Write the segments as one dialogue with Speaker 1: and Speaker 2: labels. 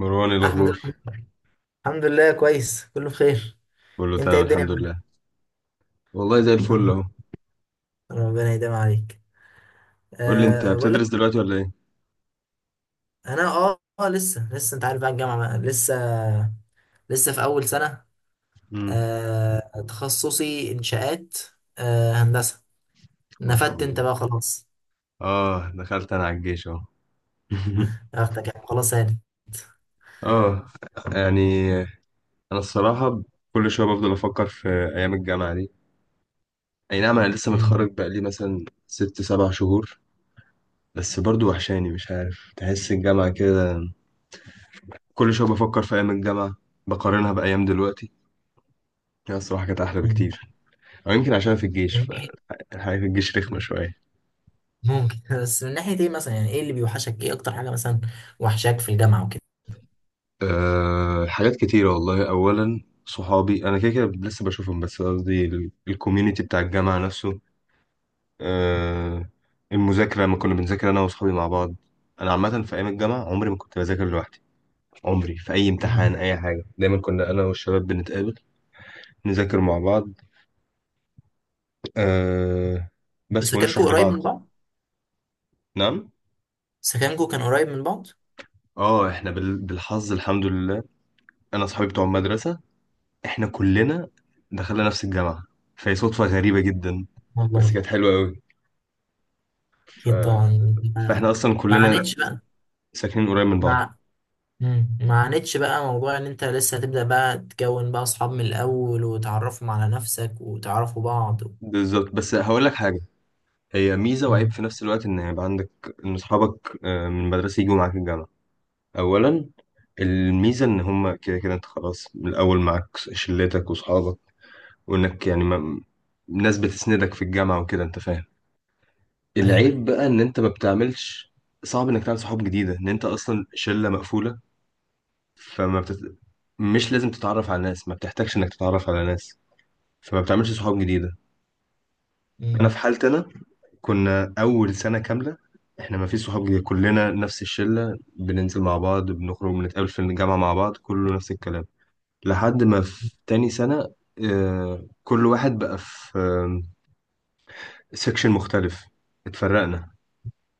Speaker 1: مروان، إيه
Speaker 2: احمد.
Speaker 1: الأخبار؟
Speaker 2: الحمد لله، كويس، كله بخير.
Speaker 1: بقول له،
Speaker 2: انت ايه
Speaker 1: تمام
Speaker 2: الدنيا
Speaker 1: الحمد
Speaker 2: معاك؟
Speaker 1: لله. والله زي الفل
Speaker 2: الحمد
Speaker 1: أهو.
Speaker 2: لله، ربنا يديم عليك.
Speaker 1: قول لي، أنت
Speaker 2: بقول لك.
Speaker 1: بتدرس دلوقتي ولا إيه؟
Speaker 2: انا لسه انت عارف بقى الجامعه بقى. لسه في اول سنه.
Speaker 1: مم.
Speaker 2: تخصصي انشاءات. هندسه.
Speaker 1: ما شاء
Speaker 2: نفدت انت
Speaker 1: الله.
Speaker 2: بقى خلاص.
Speaker 1: آه، دخلت أنا على الجيش أهو.
Speaker 2: اختك يعني خلاص هانت.
Speaker 1: آه، يعني أنا الصراحة، كل شوية بفضل أفكر في أيام الجامعة دي. أي نعم، أنا لسه
Speaker 2: مم.
Speaker 1: متخرج بقالي مثلا ست سبع شهور. بس برضو وحشاني، مش عارف، تحس الجامعة كده. كل شوية بفكر في أيام الجامعة، بقارنها بأيام دلوقتي. هي الصراحة كانت أحلى
Speaker 2: مم.
Speaker 1: بكتير. أو يمكن عشان في الجيش،
Speaker 2: من ناحيه.
Speaker 1: فالحياة في الجيش رخمة شوية.
Speaker 2: ممكن بس من ناحيه ايه مثلا، يعني ايه اللي بيوحشك، ايه اكتر حاجه مثلا وحشاك في الجامعه وكده؟
Speaker 1: أه، حاجات كتيرة والله. أولا، صحابي أنا كده كده لسه بشوفهم، بس قصدي الكوميونيتي بتاع الجامعة نفسه. أه، المذاكرة لما كنا بنذاكر أنا وصحابي مع بعض. أنا عامة في أيام الجامعة، عمري ما كنت بذاكر لوحدي. عمري في أي امتحان
Speaker 2: مم.
Speaker 1: أي حاجة، دايما كنا أنا والشباب بنتقابل، نذاكر مع بعض. أه، بس ونشرح
Speaker 2: سكنكو قريب
Speaker 1: لبعض.
Speaker 2: من بعض؟
Speaker 1: نعم.
Speaker 2: سكنكو كان قريب من بعض؟
Speaker 1: اه، احنا بالحظ الحمد لله، انا صحابي بتوع المدرسه احنا كلنا دخلنا نفس الجامعة. فهي صدفة غريبة جدا، بس
Speaker 2: والله.
Speaker 1: كانت حلوة قوي. ف...
Speaker 2: اكيد طبعا.
Speaker 1: فاحنا
Speaker 2: ما.
Speaker 1: اصلا
Speaker 2: ما
Speaker 1: كلنا
Speaker 2: عانيتش بقى.
Speaker 1: ساكنين قريب من بعض.
Speaker 2: ما. مم. ما عانيتش بقى موضوع ان انت لسه هتبدأ بقى تكون بقى اصحاب من الاول، وتعرفهم على نفسك، وتعرفوا بعض و...
Speaker 1: بالظبط، بس هقول لك حاجة، هي ميزة وعيب
Speaker 2: مم.
Speaker 1: في نفس الوقت، ان يبقى عندك، ان اصحابك من المدرسة يجوا معاك الجامعة. اولا، الميزة ان هما كده كده انت خلاص من الاول معاك شلتك واصحابك. وانك يعني ما... ناس بتسندك في الجامعة وكده، انت فاهم.
Speaker 2: ايوه.
Speaker 1: العيب بقى ان انت ما بتعملش صعب انك تعمل صحاب جديدة، ان انت اصلا شلة مقفولة. فما بتت... مش لازم تتعرف على ناس، ما بتحتاجش انك تتعرف على ناس، فما بتعملش صحاب جديده. انا
Speaker 2: مم.
Speaker 1: في حالتي انا، كنا اول سنه كامله احنا ما فيش صحاب جديده، كلنا نفس الشله بننزل مع بعض بنخرج بنتقابل في الجامعه مع بعض كله نفس الكلام. لحد ما في تاني سنه، كل واحد بقى في سكشن مختلف. اتفرقنا.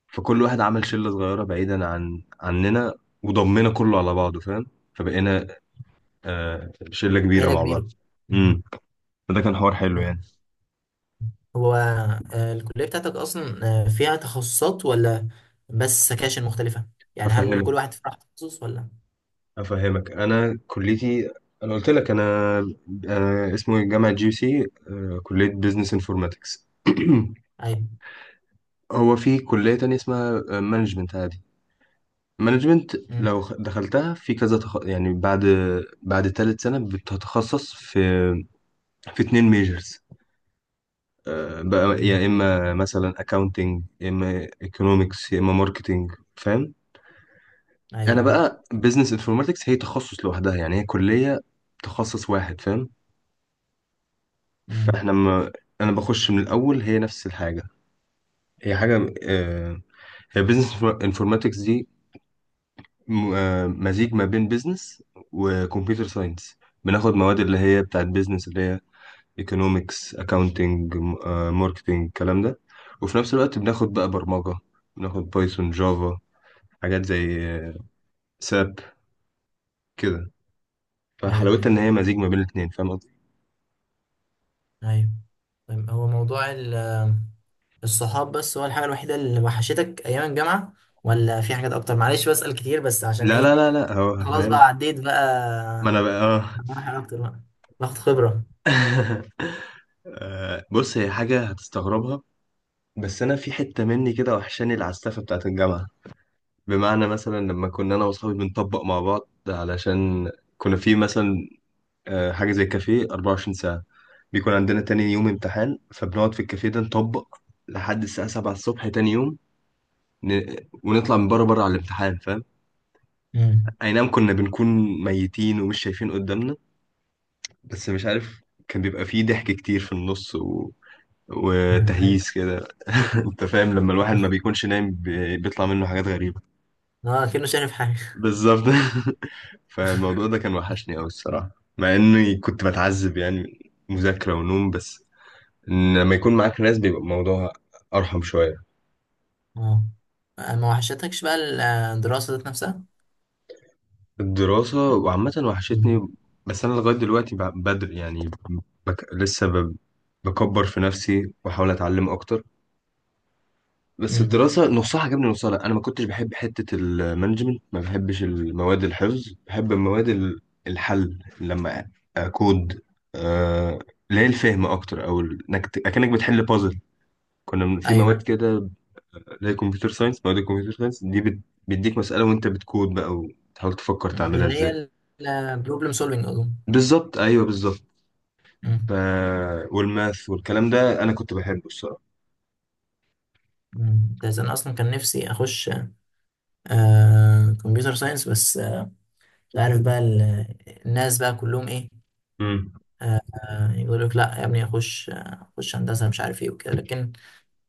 Speaker 1: فكل واحد عمل شله صغيره بعيدا عننا، وضمنا كله على بعضه، فاهم. فبقينا شله كبيره
Speaker 2: عيلة
Speaker 1: مع بعض.
Speaker 2: كبيرة. مم.
Speaker 1: فده كان حوار حلو يعني.
Speaker 2: هو الكلية بتاعتك اصلا فيها تخصصات، ولا بس سكاشن مختلفة؟ يعني هل كل
Speaker 1: افهمك،
Speaker 2: واحد في راحة تخصص ولا؟
Speaker 1: افهمك. انا كليتي، انا قلت لك، انا اسمه إيه، جامعه جي سي، كليه بزنس انفورماتكس.
Speaker 2: ايوه.
Speaker 1: هو في كليه تانية اسمها مانجمنت عادي. مانجمنت
Speaker 2: مم.
Speaker 1: لو دخلتها في كذا يعني بعد تالت سنه بتتخصص في اتنين ميجرز بقى،
Speaker 2: مم.
Speaker 1: يا اما مثلا اكاونتنج، يا اما ايكونومكس، يا اما ماركتنج، فاهم. انا
Speaker 2: ايوه.
Speaker 1: بقى بزنس انفورماتكس هي تخصص لوحدها، يعني هي كليه تخصص واحد، فاهم.
Speaker 2: مم.
Speaker 1: فاحنا ما انا بخش من الاول هي نفس الحاجه، هي حاجه، هي بزنس انفورماتكس دي مزيج ما بين بزنس وكمبيوتر ساينس. بناخد مواد اللي هي بتاعت بزنس اللي هي ايكونومكس، اكاونتنج، ماركتنج، الكلام ده. وفي نفس الوقت بناخد بقى برمجه، بناخد بايثون، جافا، حاجات زي ساب كده.
Speaker 2: ايوه
Speaker 1: فحلاوتها
Speaker 2: ايوه.
Speaker 1: ان هي مزيج ما بين الاتنين، فاهم قصدي.
Speaker 2: ايوه. طيب، هو موضوع الصحاب بس هو الحاجة الوحيدة اللي وحشتك أيام الجامعة، ولا في حاجات أكتر؟ معلش بسأل كتير بس عشان
Speaker 1: لا، لا،
Speaker 2: إيه.
Speaker 1: لا، لا، هو
Speaker 2: خلاص
Speaker 1: فاهم.
Speaker 2: بقى، عديت
Speaker 1: ما
Speaker 2: بقى
Speaker 1: انا بقى
Speaker 2: مراحل أكتر، بقى باخد خبرة.
Speaker 1: بص، هي حاجة هتستغربها. بس انا في حتة مني كده وحشاني العسافة بتاعت الجامعة. بمعنى مثلا لما كنا انا واصحابي بنطبق مع بعض علشان كنا في مثلا حاجة زي كافيه 24 ساعة، بيكون عندنا تاني يوم امتحان، فبنقعد في الكافيه ده نطبق لحد الساعة 7 الصبح تاني يوم. ن... ونطلع من بره بره على الامتحان، فاهم.
Speaker 2: امم.
Speaker 1: اي نعم، كنا بنكون ميتين ومش شايفين قدامنا. بس مش عارف، كان بيبقى فيه ضحك كتير في النص
Speaker 2: أيوة.
Speaker 1: وتهييس كده. انت فاهم، لما الواحد ما بيكونش نايم بيطلع منه حاجات غريبة.
Speaker 2: أه، أكنه شايف حاجة.
Speaker 1: بالظبط. فالموضوع ده كان وحشني أوي الصراحة، مع إني كنت بتعذب يعني من مذاكرة ونوم بس. إن لما يكون معاك ناس بيبقى الموضوع أرحم شوية.
Speaker 2: أه، ما وحشتكش بقى الدراسة ذات نفسها؟
Speaker 1: الدراسة وعامة
Speaker 2: امم.
Speaker 1: وحشتني. بس أنا لغاية دلوقتي بدري يعني، بك... لسه ب... بكبر في نفسي وأحاول أتعلم أكتر. بس
Speaker 2: امم،
Speaker 1: الدراسة نصها عجبني نصها لا، أنا ما كنتش بحب حتة المانجمنت، ما بحبش المواد الحفظ، بحب المواد الحل لما أكود، آه، اللي هي الفهم أكتر، أو أكنك بتحل بازل. كنا في مواد
Speaker 2: أيوة.
Speaker 1: كده اللي هي كمبيوتر ساينس. مواد الكمبيوتر ساينس دي بيديك مسألة، وأنت بتكود بقى وتحاول تفكر تعملها
Speaker 2: اللي
Speaker 1: إزاي.
Speaker 2: هي البروبلم سولفينج أظن.
Speaker 1: بالظبط، أيوه بالظبط.
Speaker 2: امم.
Speaker 1: ف... والماث والكلام ده أنا كنت بحبه الصراحة.
Speaker 2: امم. بس أنا أصلا كان نفسي أخش كمبيوتر ساينس، بس مش عارف بقى الناس بقى كلهم إيه.
Speaker 1: امم
Speaker 2: آه، يقول لك لا يا ابني، اخش هندسه، مش عارف ايه وكده، لكن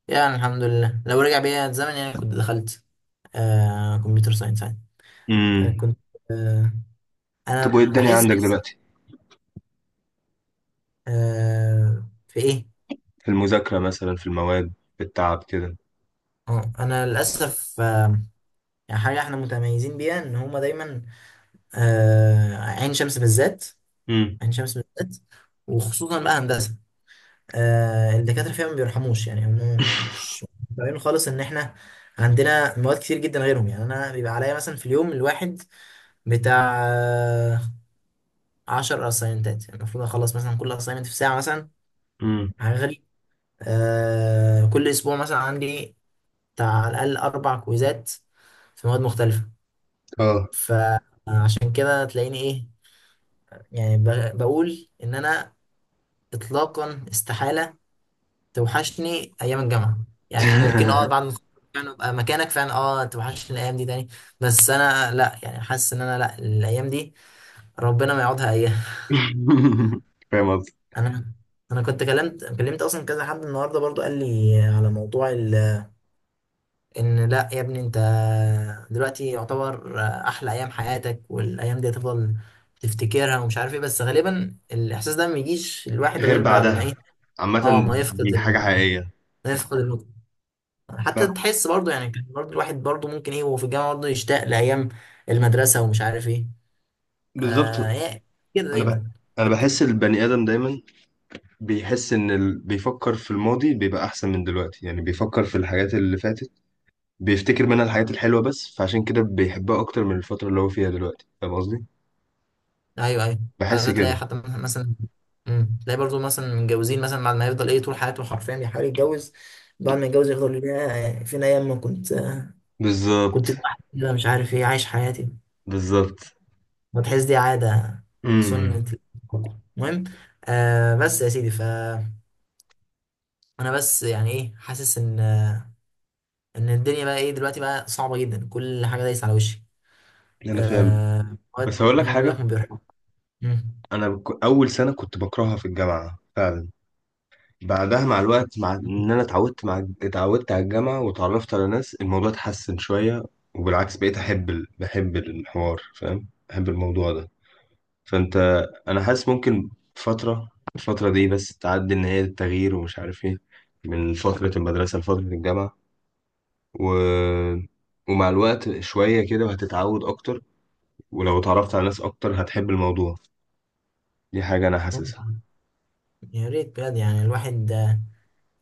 Speaker 2: يعني الحمد لله، لو رجع بيا الزمن يعني كنت دخلت كمبيوتر ساينس يعني. آه
Speaker 1: امم
Speaker 2: كنت آه
Speaker 1: طب،
Speaker 2: انا
Speaker 1: وإيه الدنيا
Speaker 2: بحس
Speaker 1: عندك
Speaker 2: بس
Speaker 1: دلوقتي؟
Speaker 2: في ايه.
Speaker 1: في المذاكرة مثلا، في المواد، في التعب كده.
Speaker 2: انا للاسف يعني حاجه احنا متميزين بيها ان هما دايما، عين شمس بالذات.
Speaker 1: امم
Speaker 2: عين شمس بالذات، وخصوصا بقى هندسه، الدكاترة فيها ما بيرحموش. يعني هم مش فاهمين خالص ان احنا عندنا مواد كتير جدا غيرهم. يعني انا بيبقى عليا مثلا في اليوم الواحد بتاع 10 اساينتات، يعني المفروض اخلص مثلا كل اساينمنت في ساعة مثلا.
Speaker 1: امم
Speaker 2: حاجة غريبة. كل اسبوع مثلا عندي بتاع على الاقل اربع كويزات في مواد مختلفة.
Speaker 1: اه
Speaker 2: فعشان كده تلاقيني ايه، يعني بقول ان انا اطلاقا استحالة توحشني ايام الجامعه. يعني ممكن بعد ما أتخرج فعلا ابقى مكانك، فعلا توحشني الايام دي تاني. بس انا لا، يعني حاسس ان انا لا، الايام دي ربنا ما يقعدها اياها.
Speaker 1: فاهم قصدي.
Speaker 2: انا انا كنت كلمت اصلا كذا حد النهارده برضو، قال لي على موضوع. ان لا يا ابني انت دلوقتي يعتبر احلى ايام حياتك، والايام دي هتفضل تفتكرها، ومش عارف ايه، بس غالبا الاحساس ده ما يجيش الواحد
Speaker 1: غير
Speaker 2: غير بعد ما
Speaker 1: بعدها،
Speaker 2: ايه.
Speaker 1: عامة.
Speaker 2: اه،
Speaker 1: دي حاجة حقيقية.
Speaker 2: ما يفقد، حتى
Speaker 1: ب-
Speaker 2: تحس برضه يعني كان برضه الواحد برضه ممكن ايه، وهو في الجامعة برضه يشتاق لأيام المدرسة، ومش عارف ايه. آه،
Speaker 1: بالظبط.
Speaker 2: هي كده
Speaker 1: أنا
Speaker 2: دايما
Speaker 1: ب... أنا
Speaker 2: تفكير.
Speaker 1: بحس البني آدم دايما بيحس بيفكر في الماضي بيبقى أحسن من دلوقتي، يعني بيفكر في الحاجات اللي فاتت، بيفتكر منها الحاجات الحلوة بس، فعشان كده بيحبها أكتر من الفترة اللي هو فيها دلوقتي، فاهم قصدي؟
Speaker 2: ايوه ايوه.
Speaker 1: بحس
Speaker 2: عاده
Speaker 1: كده.
Speaker 2: تلاقي حتى مثلا. تلاقي برضه مثلا متجوزين مثلا، بعد ما يفضل ايه طول حياته حرفيا بيحاول يتجوز، بعد ما يتجوز يفضل يا فين ايام ما كنت
Speaker 1: بالظبط،
Speaker 2: لوحدي كده، مش عارف ايه، عايش حياتي.
Speaker 1: بالظبط.
Speaker 2: وتحس دي عادة.
Speaker 1: امم
Speaker 2: سنة الكوكو. المهم، آه، بس يا سيدي، فأنا بس يعني ايه، حاسس ان الدنيا بقى ايه دلوقتي، بقى صعبه جدا، كل حاجه دايسه على وشي.
Speaker 1: أنا فاهم،
Speaker 2: آه،
Speaker 1: بس
Speaker 2: مواد
Speaker 1: هقول لك
Speaker 2: زي ما بقول
Speaker 1: حاجة.
Speaker 2: لك، ما بيرحم. مم.
Speaker 1: اول سنه كنت بكرهها في الجامعه فعلا. بعدها مع الوقت، مع ان انا اتعودت على الجامعه وتعرفت على ناس، الموضوع اتحسن شويه. وبالعكس بقيت احب بحب الحوار، فاهم، بحب الموضوع ده. فانت انا حاسس ممكن، فتره الفتره دي بس تعدي، ان هي التغيير ومش عارف ايه، من فتره المدرسه لفتره الجامعه، و... ومع الوقت شويه كده وهتتعود اكتر. ولو اتعرفت على ناس اكتر هتحب الموضوع. دي حاجه انا حاسسها.
Speaker 2: ممكن. يا ريت بجد، يعني الواحد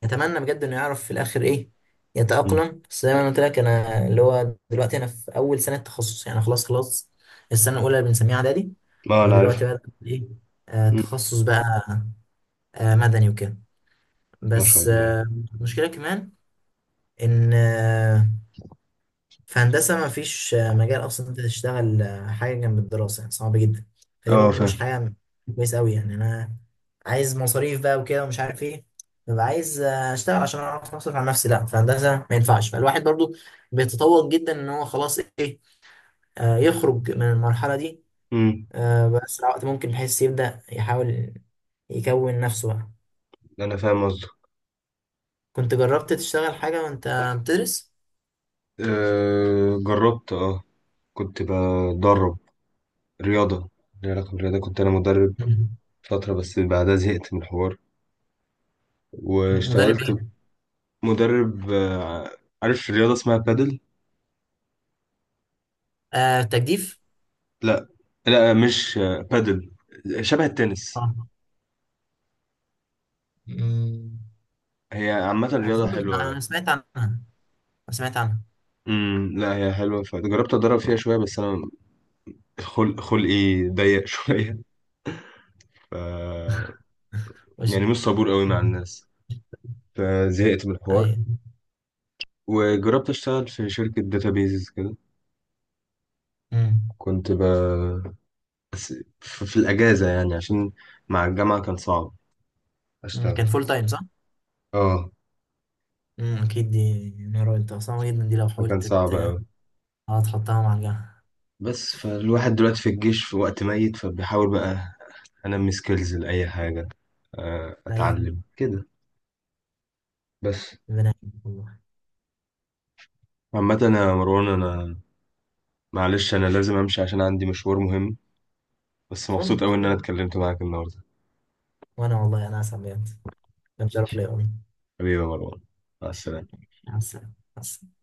Speaker 2: يتمنى بجد انه يعرف في الاخر ايه
Speaker 1: مم.
Speaker 2: يتأقلم. بس زي ما انا قلت لك، انا اللي هو دلوقتي انا في اول سنه تخصص، يعني خلاص خلاص. السنه الاولى اللي بنسميها اعدادي.
Speaker 1: ما انا عارف.
Speaker 2: ودلوقتي بقى ايه، تخصص بقى مدني وكده،
Speaker 1: ما شاء
Speaker 2: بس
Speaker 1: الله.
Speaker 2: آه المشكله كمان ان في هندسة ما فيش مجال أصلا أنت تشتغل حاجة جنب الدراسة، يعني صعب جدا. فدي
Speaker 1: اه،
Speaker 2: برضه مش
Speaker 1: فاهم.
Speaker 2: حاجة كويسة أوي، يعني أنا عايز مصاريف بقى وكده، ومش عارف إيه، ببقى عايز أشتغل عشان أعرف أصرف على نفسي. لأ، في هندسة ما ينفعش، فالواحد برضه بيتطور جدا، إن هو خلاص إيه، يخرج من المرحلة دي
Speaker 1: امم
Speaker 2: بأسرع وقت ممكن، بحيث يبدأ يحاول يكون نفسه بقى.
Speaker 1: انا فاهم قصدك.
Speaker 2: كنت جربت تشتغل حاجة وأنت بتدرس؟
Speaker 1: أه، جربت. اه كنت بدرب رياضه، ليها علاقه بالرياضه، كنت انا مدرب
Speaker 2: مم.
Speaker 1: فتره، بس بعدها زهقت من الحوار،
Speaker 2: مدرب
Speaker 1: واشتغلت.
Speaker 2: إيه؟
Speaker 1: مدرب عارف رياضه اسمها بادل.
Speaker 2: تجديف؟
Speaker 1: لا، لا، مش بادل شبه التنس.
Speaker 2: اه. مم.
Speaker 1: هي عامه رياضه
Speaker 2: أظن
Speaker 1: حلوه.
Speaker 2: أنا سمعت عنها، أنا سمعت عنها.
Speaker 1: لا هي حلوه، فجربت اتدرب فيها شويه، بس انا خلقي ضيق شويه. ف
Speaker 2: بس.
Speaker 1: يعني مش صبور قوي مع
Speaker 2: مم.
Speaker 1: الناس. فزهقت من الحوار.
Speaker 2: أيوة.
Speaker 1: وجربت اشتغل في شركة داتابيز كده.
Speaker 2: مم.
Speaker 1: كنت ب... بس في الأجازة يعني عشان مع الجامعة كان صعب
Speaker 2: مم. كان
Speaker 1: أشتغل.
Speaker 2: فول تايم صح؟
Speaker 1: اه،
Speaker 2: مم. أكيد دي نهار قلت صعبة جدا، دي لو
Speaker 1: فكان
Speaker 2: حاولت
Speaker 1: صعب أوي.
Speaker 2: تحطها مع الجامعة.
Speaker 1: بس فالواحد دلوقتي في الجيش في وقت ميت، فبيحاول بقى أنمي سكيلز لأي حاجة،
Speaker 2: أيوة.
Speaker 1: أتعلم كده بس.
Speaker 2: ربنا يعينك والله.
Speaker 1: عامة يا مروان، أنا، معلش، أنا لازم أمشي عشان عندي مشوار مهم. بس مبسوط
Speaker 2: فن
Speaker 1: أوي إن أنا
Speaker 2: فن.
Speaker 1: اتكلمت معاك النهاردة.
Speaker 2: وأنا والله، أنا أسعد بجد. كان شرف ليا والله.
Speaker 1: حبيبي يا مروان، مع السلامة.
Speaker 2: مع السلامة. مع السلامة.